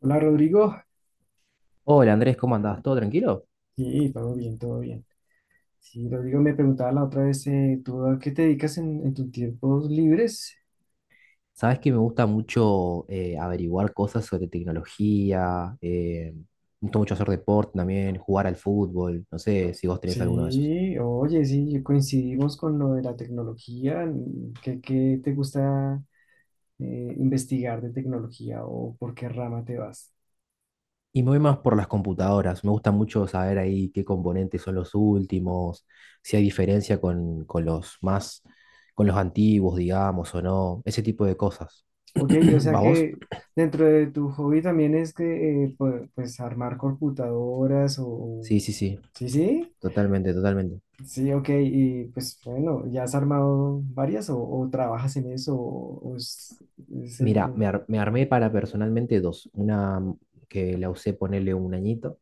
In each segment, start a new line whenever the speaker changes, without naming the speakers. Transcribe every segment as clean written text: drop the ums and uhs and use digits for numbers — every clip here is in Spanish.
Hola Rodrigo,
Hola Andrés, ¿cómo andás? ¿Todo tranquilo?
sí, todo bien, todo bien. Sí, Rodrigo me preguntaba la otra vez, ¿tú a qué te dedicas en tus tiempos libres?
Sabes que me gusta mucho averiguar cosas sobre tecnología, me gusta mucho hacer deporte también, jugar al fútbol, no sé si vos tenés alguno de esos.
Sí, oye, sí, coincidimos con lo de la tecnología. ¿Qué te gusta investigar de tecnología o por qué rama te vas?
Y me voy más por las computadoras, me gusta mucho saber ahí qué componentes son los últimos, si hay diferencia con los más, con los antiguos, digamos, o no, ese tipo de cosas.
Ok, o sea
¿Va vos?
que dentro de tu hobby también es que, pues, armar computadoras
Sí, sí, sí,
Sí, sí.
totalmente, totalmente.
Sí, ok, y pues bueno, ¿ya has armado varias o trabajas en eso? O, o es, es el-
Mira,
el-
me armé para personalmente dos. Una que la usé ponerle un añito,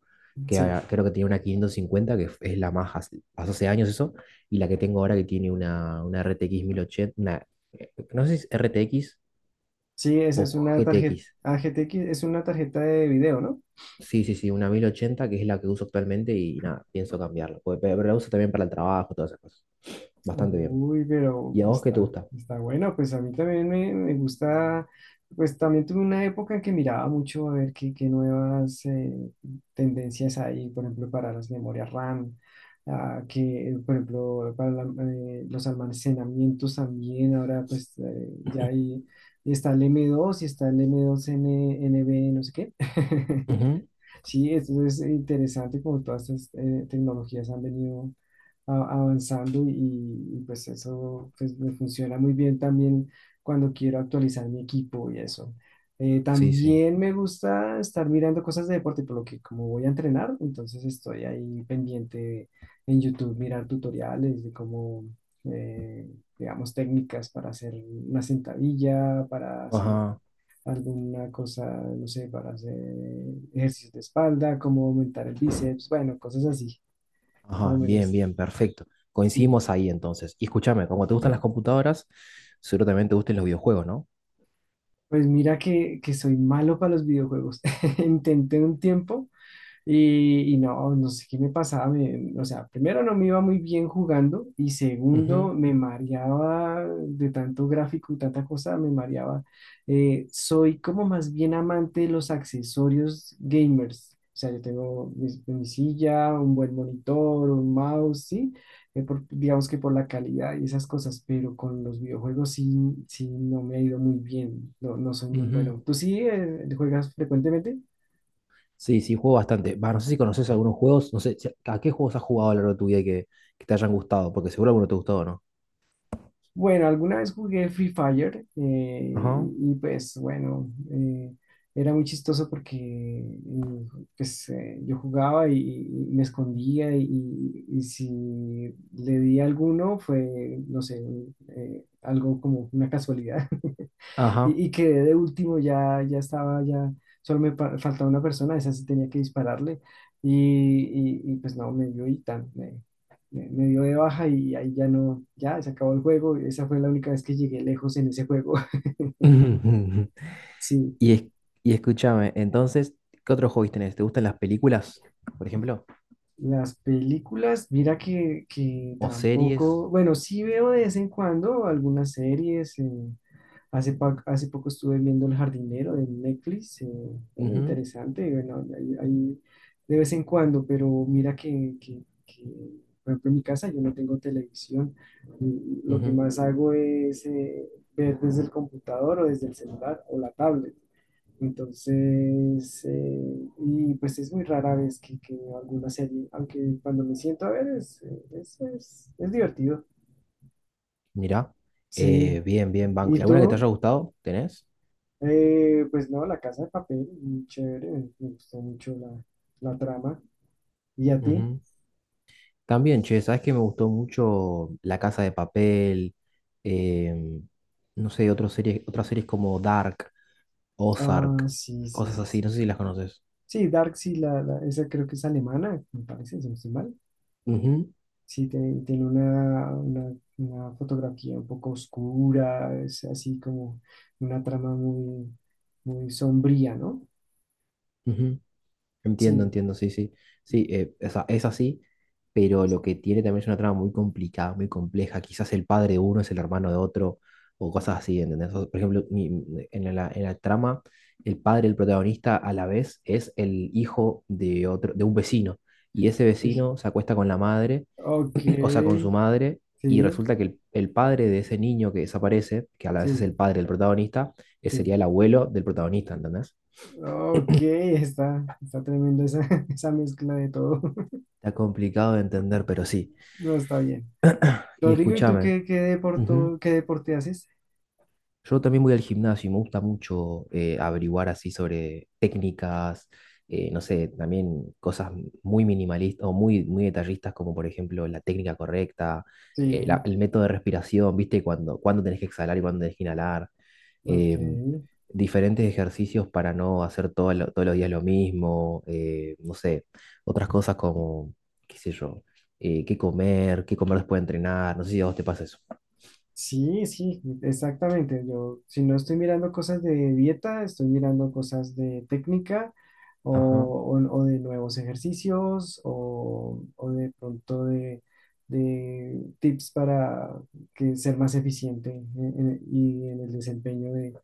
que
Sí,
creo que tiene una 550, que es la más hace, pasó hace años eso, y la que tengo ahora que tiene una RTX 1080, una, no sé si es RTX
sí, esa
o
es una tarjeta,
GTX.
AGTX es una tarjeta de video, ¿no?
Sí, sí, sí, una 1080 que es la que uso actualmente y nada, pienso cambiarla. Pues, pero la uso también para el trabajo, todas esas cosas. Bastante bien.
Uy, pero
¿Y a
pues,
vos qué te
está,
gusta?
está bueno, pues a mí también me gusta. Pues también tuve una época en que miraba mucho a ver qué, qué nuevas tendencias hay, por ejemplo, para las memorias RAM. Ah, que, por ejemplo, los almacenamientos también, ahora pues, ya hay, está el M2 y está el M2NB, no sé qué.
Ujú.
Sí, esto es interesante como todas estas tecnologías han venido avanzando, y pues eso pues me funciona muy bien también cuando quiero actualizar mi equipo y eso.
Sí, sí.
También me gusta estar mirando cosas de deporte, por lo que como voy a entrenar, entonces estoy ahí pendiente en YouTube, mirar tutoriales de cómo, eh, digamos, técnicas para hacer una sentadilla, para hacer
Ajá.
alguna cosa, no sé, para hacer ejercicios de espalda, cómo aumentar el bíceps, bueno, cosas así, más o
Ajá, bien,
menos.
bien, perfecto.
Sí.
Coincidimos ahí entonces. Y escúchame, como te gustan las computadoras, seguro también te gusten los videojuegos, ¿no?
Pues mira que soy malo para los videojuegos. Intenté un tiempo, y no sé qué me pasaba. O sea, primero no me iba muy bien jugando y
Ujú,
segundo me mareaba de tanto gráfico y tanta cosa, me mareaba. Soy como más bien amante de los accesorios gamers. O sea, yo tengo mi silla, un buen monitor, un mouse, ¿sí? Digamos que por la calidad y esas cosas, pero con los videojuegos sí, no me ha ido muy bien. No, no soy muy
ujú.
bueno. ¿Tú sí juegas frecuentemente?
Sí, sí, juego bastante. Va, no sé si conoces algunos juegos, no sé, ¿a qué juegos has jugado a lo largo de tu vida que te hayan gustado? Porque seguro alguno te gustó, ¿no?
Bueno, alguna vez jugué Free Fire, eh,
Ajá,
y, y, pues bueno, eh, era muy chistoso porque eh, yo jugaba y, me escondía, y si le di a alguno fue, no sé, algo como una casualidad.
ajá.
Y quedé de último, ya estaba, ya solo me faltaba una persona, esa sí tenía que dispararle. Y, pues no, me dio y tan, me dio de baja y ahí ya no, ya se acabó el juego. Esa fue la única vez que llegué lejos en ese juego. Sí,
Y, es- y escúchame, entonces, ¿qué otros hobbies tenés? ¿Te gustan las películas, por ejemplo?
las películas, mira que
¿O series?
tampoco, bueno, sí veo de vez en cuando algunas series. Hace poco estuve viendo El Jardinero de Netflix,
Ujú,
interesante, bueno, ahí de vez en cuando, pero mira que, por ejemplo, en mi casa yo no tengo televisión, y lo que
ujú.
más hago es ver desde el computador o desde el celular o la tablet. Entonces, y pues es muy rara vez que veo alguna serie, aunque cuando me siento a ver es divertido.
Mirá,
Sí,
bien, bien, banco.
¿y
¿Y alguna que te
tú?
haya gustado? ¿Tenés?
Pues no, La Casa de Papel, muy chévere, me gustó mucho la trama. ¿Y a ti?
También, che, sabes que me gustó mucho La Casa de Papel, em, no sé, otras series como Dark,
Ah,
Ozark,
sí, sí,
cosas
sí,
así, no
sí.
sé si las conoces.
Sí, Dark, sí, esa creo que es alemana, me parece, si no estoy mal.
Ujú,
Sí, tiene una fotografía un poco oscura, es así como una trama muy, muy sombría, ¿no?
ujú. Entiendo,
Sí.
entiendo, sí, sí. Sí, o sea, es así, pero lo que tiene también es una trama muy complicada, muy compleja. Quizás el padre de uno es el hermano de otro, o cosas así, ¿entendés? O, por ejemplo, en la trama, el padre del protagonista a la vez es el hijo de otro, de un vecino. Y ese vecino se acuesta con la madre,
Ok,
o sea, con su madre, y
sí,
resulta que el padre de ese niño que desaparece, que a la vez es el
sí,
padre del protagonista,
sí.
sería el abuelo del protagonista, ¿entendés?
Ok, está tremenda esa, esa mezcla de todo.
Está complicado de entender, pero sí.
No, está bien.
Y
Rodrigo, ¿y tú
escúchame,
qué, qué deporte,
ujú.
qué deporte haces?
Yo también voy al gimnasio y me gusta mucho averiguar así sobre técnicas, no sé, también cosas muy minimalistas o muy, muy detallistas, como por ejemplo la técnica correcta, la-
Sí,
el método de respiración, ¿viste? Cuando, cuándo tenés que exhalar y cuándo tenés que inhalar,
ok.
em, diferentes ejercicios para no hacer todo todos los días lo mismo, no sé, otras cosas como, qué sé yo, qué comer después de entrenar, no sé si a vos te pasa eso.
Sí, sí, exactamente. Yo, si no estoy mirando cosas de dieta, estoy mirando cosas de técnica, o,
Ajá.
o de nuevos ejercicios, o de pronto de tips para ser más eficiente y en el desempeño de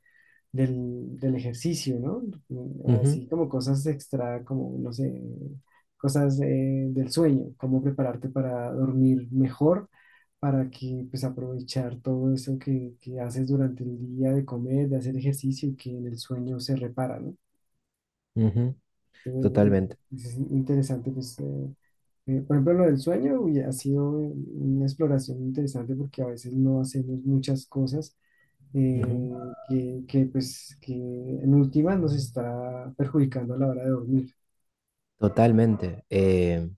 del, del ejercicio, ¿no?
Ujú,
Así como cosas extra, como, no sé, cosas del sueño, cómo prepararte para dormir mejor, para que pues aprovechar todo eso que haces durante el día de comer, de hacer ejercicio y que en el sueño se repara, ¿no?
ujú.
Entonces
Totalmente.
es interesante, pues, por ejemplo, lo del sueño, uy, ha sido una exploración interesante porque a veces no hacemos muchas cosas
Ujú.
pues, que en última nos está perjudicando a la hora de dormir.
Totalmente.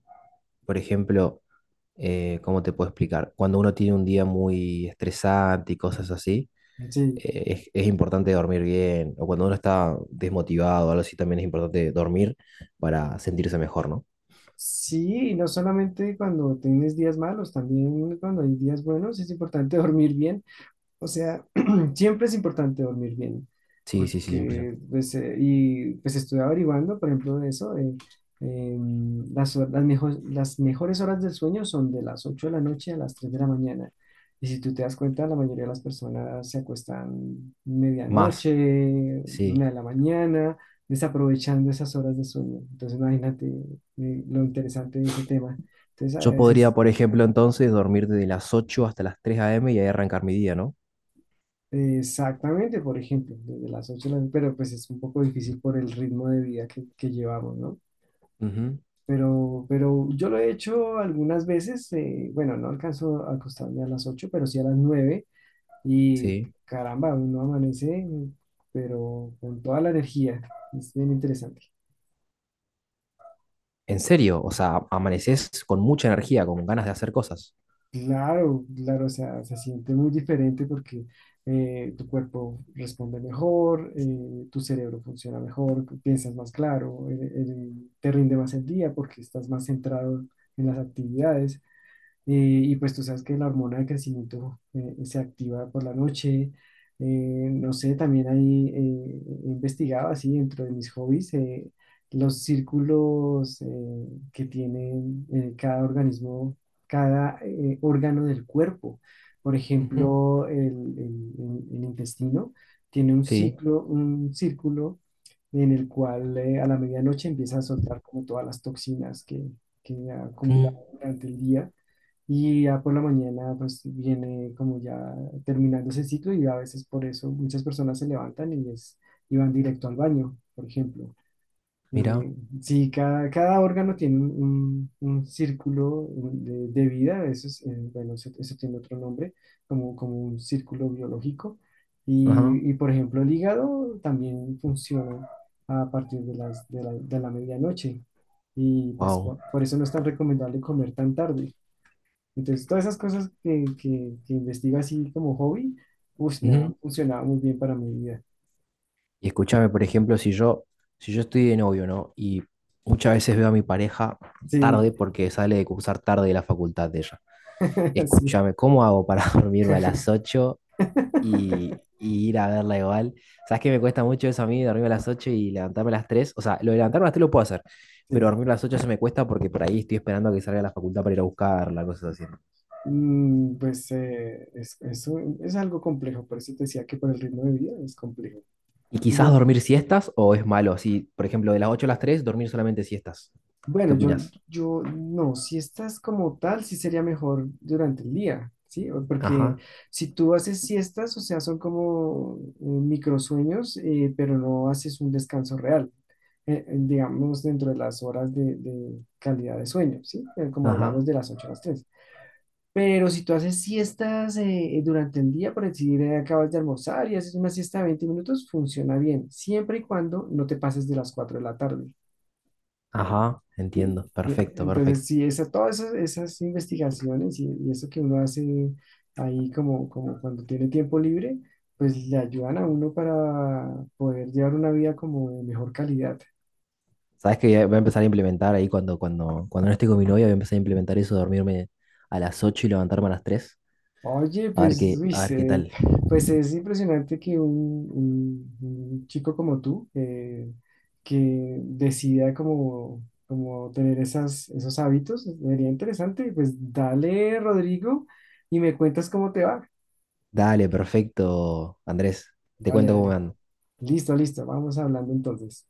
Por ejemplo, ¿cómo te puedo explicar? Cuando uno tiene un día muy estresante y cosas así,
Sí,
es importante dormir bien. O cuando uno está desmotivado o algo así, también es importante dormir para sentirse mejor, ¿no?
sí, y no solamente cuando tienes días malos, también cuando hay días buenos es importante dormir bien. O sea, siempre es importante dormir bien,
Sí, sí, sí, 100%.
porque pues, y pues estuve averiguando, por ejemplo, de eso. Las mejores horas del sueño son de las 8 de la noche a las 3 de la mañana. Y si tú te das cuenta, la mayoría de las personas se acuestan
Más,
medianoche, una
sí.
de la mañana, desaprovechando esas horas de sueño. Entonces, imagínate, lo interesante de ese tema. Entonces, a
Yo podría,
veces...
por ejemplo, entonces dormir desde las 8 hasta las 3 a.m. y ahí arrancar mi día, ¿no?
Exactamente, por ejemplo, desde las 8 de la... pero pues es un poco difícil por el ritmo de vida que llevamos, ¿no?
Ujú.
Pero yo lo he hecho algunas veces, bueno, no alcanzo a acostarme a las 8, pero sí a las 9, y
Sí.
caramba, uno amanece, pero con toda la energía, es bien interesante.
En serio, o sea, amaneces con mucha energía, con ganas de hacer cosas.
Claro, claro, o sea, se siente muy diferente porque tu cuerpo responde mejor, tu cerebro funciona mejor, piensas más claro, te rinde más el día porque estás más centrado en las actividades. Y pues tú sabes que la hormona de crecimiento se activa por la noche. No sé, también ahí he investigado así dentro de mis hobbies los círculos que tienen cada organismo, cada órgano del cuerpo. Por
Ujú.
ejemplo, el intestino tiene un
Sí.
ciclo, un círculo en el cual a la medianoche empieza a soltar como todas las toxinas que ha acumulado
Mm,
durante el día. Y ya por la mañana, pues viene como ya terminando ese ciclo y a veces por eso muchas personas se levantan y van directo al baño, por ejemplo.
mira.
Eh, sí, cada órgano tiene un círculo de vida, eso es, bueno, eso tiene otro nombre, como, como un círculo biológico.
Ajá,
Por ejemplo, el hígado también funciona a partir de la medianoche. Y pues
wow.
por eso no es tan recomendable comer tan tarde. Entonces, todas esas cosas que investigo así como hobby, uff, me
Ujú.
han funcionado muy bien para mi vida.
Y escúchame, por ejemplo, si yo estoy de novio, ¿no? Y muchas veces veo a mi pareja
Sí,
tarde porque sale de cursar tarde de la facultad de ella.
sí,
Escúchame, ¿cómo hago para dormirme a las ocho y ir a verla igual? ¿Sabes que me cuesta mucho eso a mí, dormirme a las 8 y levantarme a las tres? O sea, lo de levantarme a las 3 lo puedo hacer, pero
sí.
dormir a las 8 se me cuesta porque por ahí estoy esperando a que salga de la facultad para ir a buscarla, cosas así. ¿No?
Pues es algo complejo, por eso te decía que por el ritmo de vida es complejo.
¿Y quizás
Yo,
dormir siestas o es malo? Así, por ejemplo, de las 8 a las tres dormir solamente siestas. ¿Qué
Bueno, yo,
opinas?
yo no, si estás como tal, sí sería mejor durante el día, ¿sí? Porque
Ajá,
si tú haces siestas, o sea, son como microsueños, pero no haces un descanso real, digamos, dentro de las horas de calidad de sueño, ¿sí? Como
ajá,
hablamos de las 8 a las 3. Pero si tú haces siestas durante el día, por decir, acabas de almorzar y haces una siesta de 20 minutos, funciona bien, siempre y cuando no te pases de las 4 de la tarde.
ajá, entiendo. Perfecto,
Entonces,
perfecto.
sí, todas esas investigaciones, y eso que uno hace ahí como, cuando tiene tiempo libre, pues le ayudan a uno para poder llevar una vida como de mejor calidad.
¿Sabes que voy a empezar a implementar ahí cuando no esté con mi novia? Voy a empezar a implementar eso, dormirme a las 8 y levantarme a las tres.
Oye, pues,
A ver qué tal.
pues es impresionante que un chico como tú, que decida como, tener esos hábitos, sería interesante. Pues dale, Rodrigo, y me cuentas cómo te va.
Dale, perfecto, Andrés. Te
Dale,
cuento cómo me
dale.
ando.
Listo, listo. Vamos hablando entonces.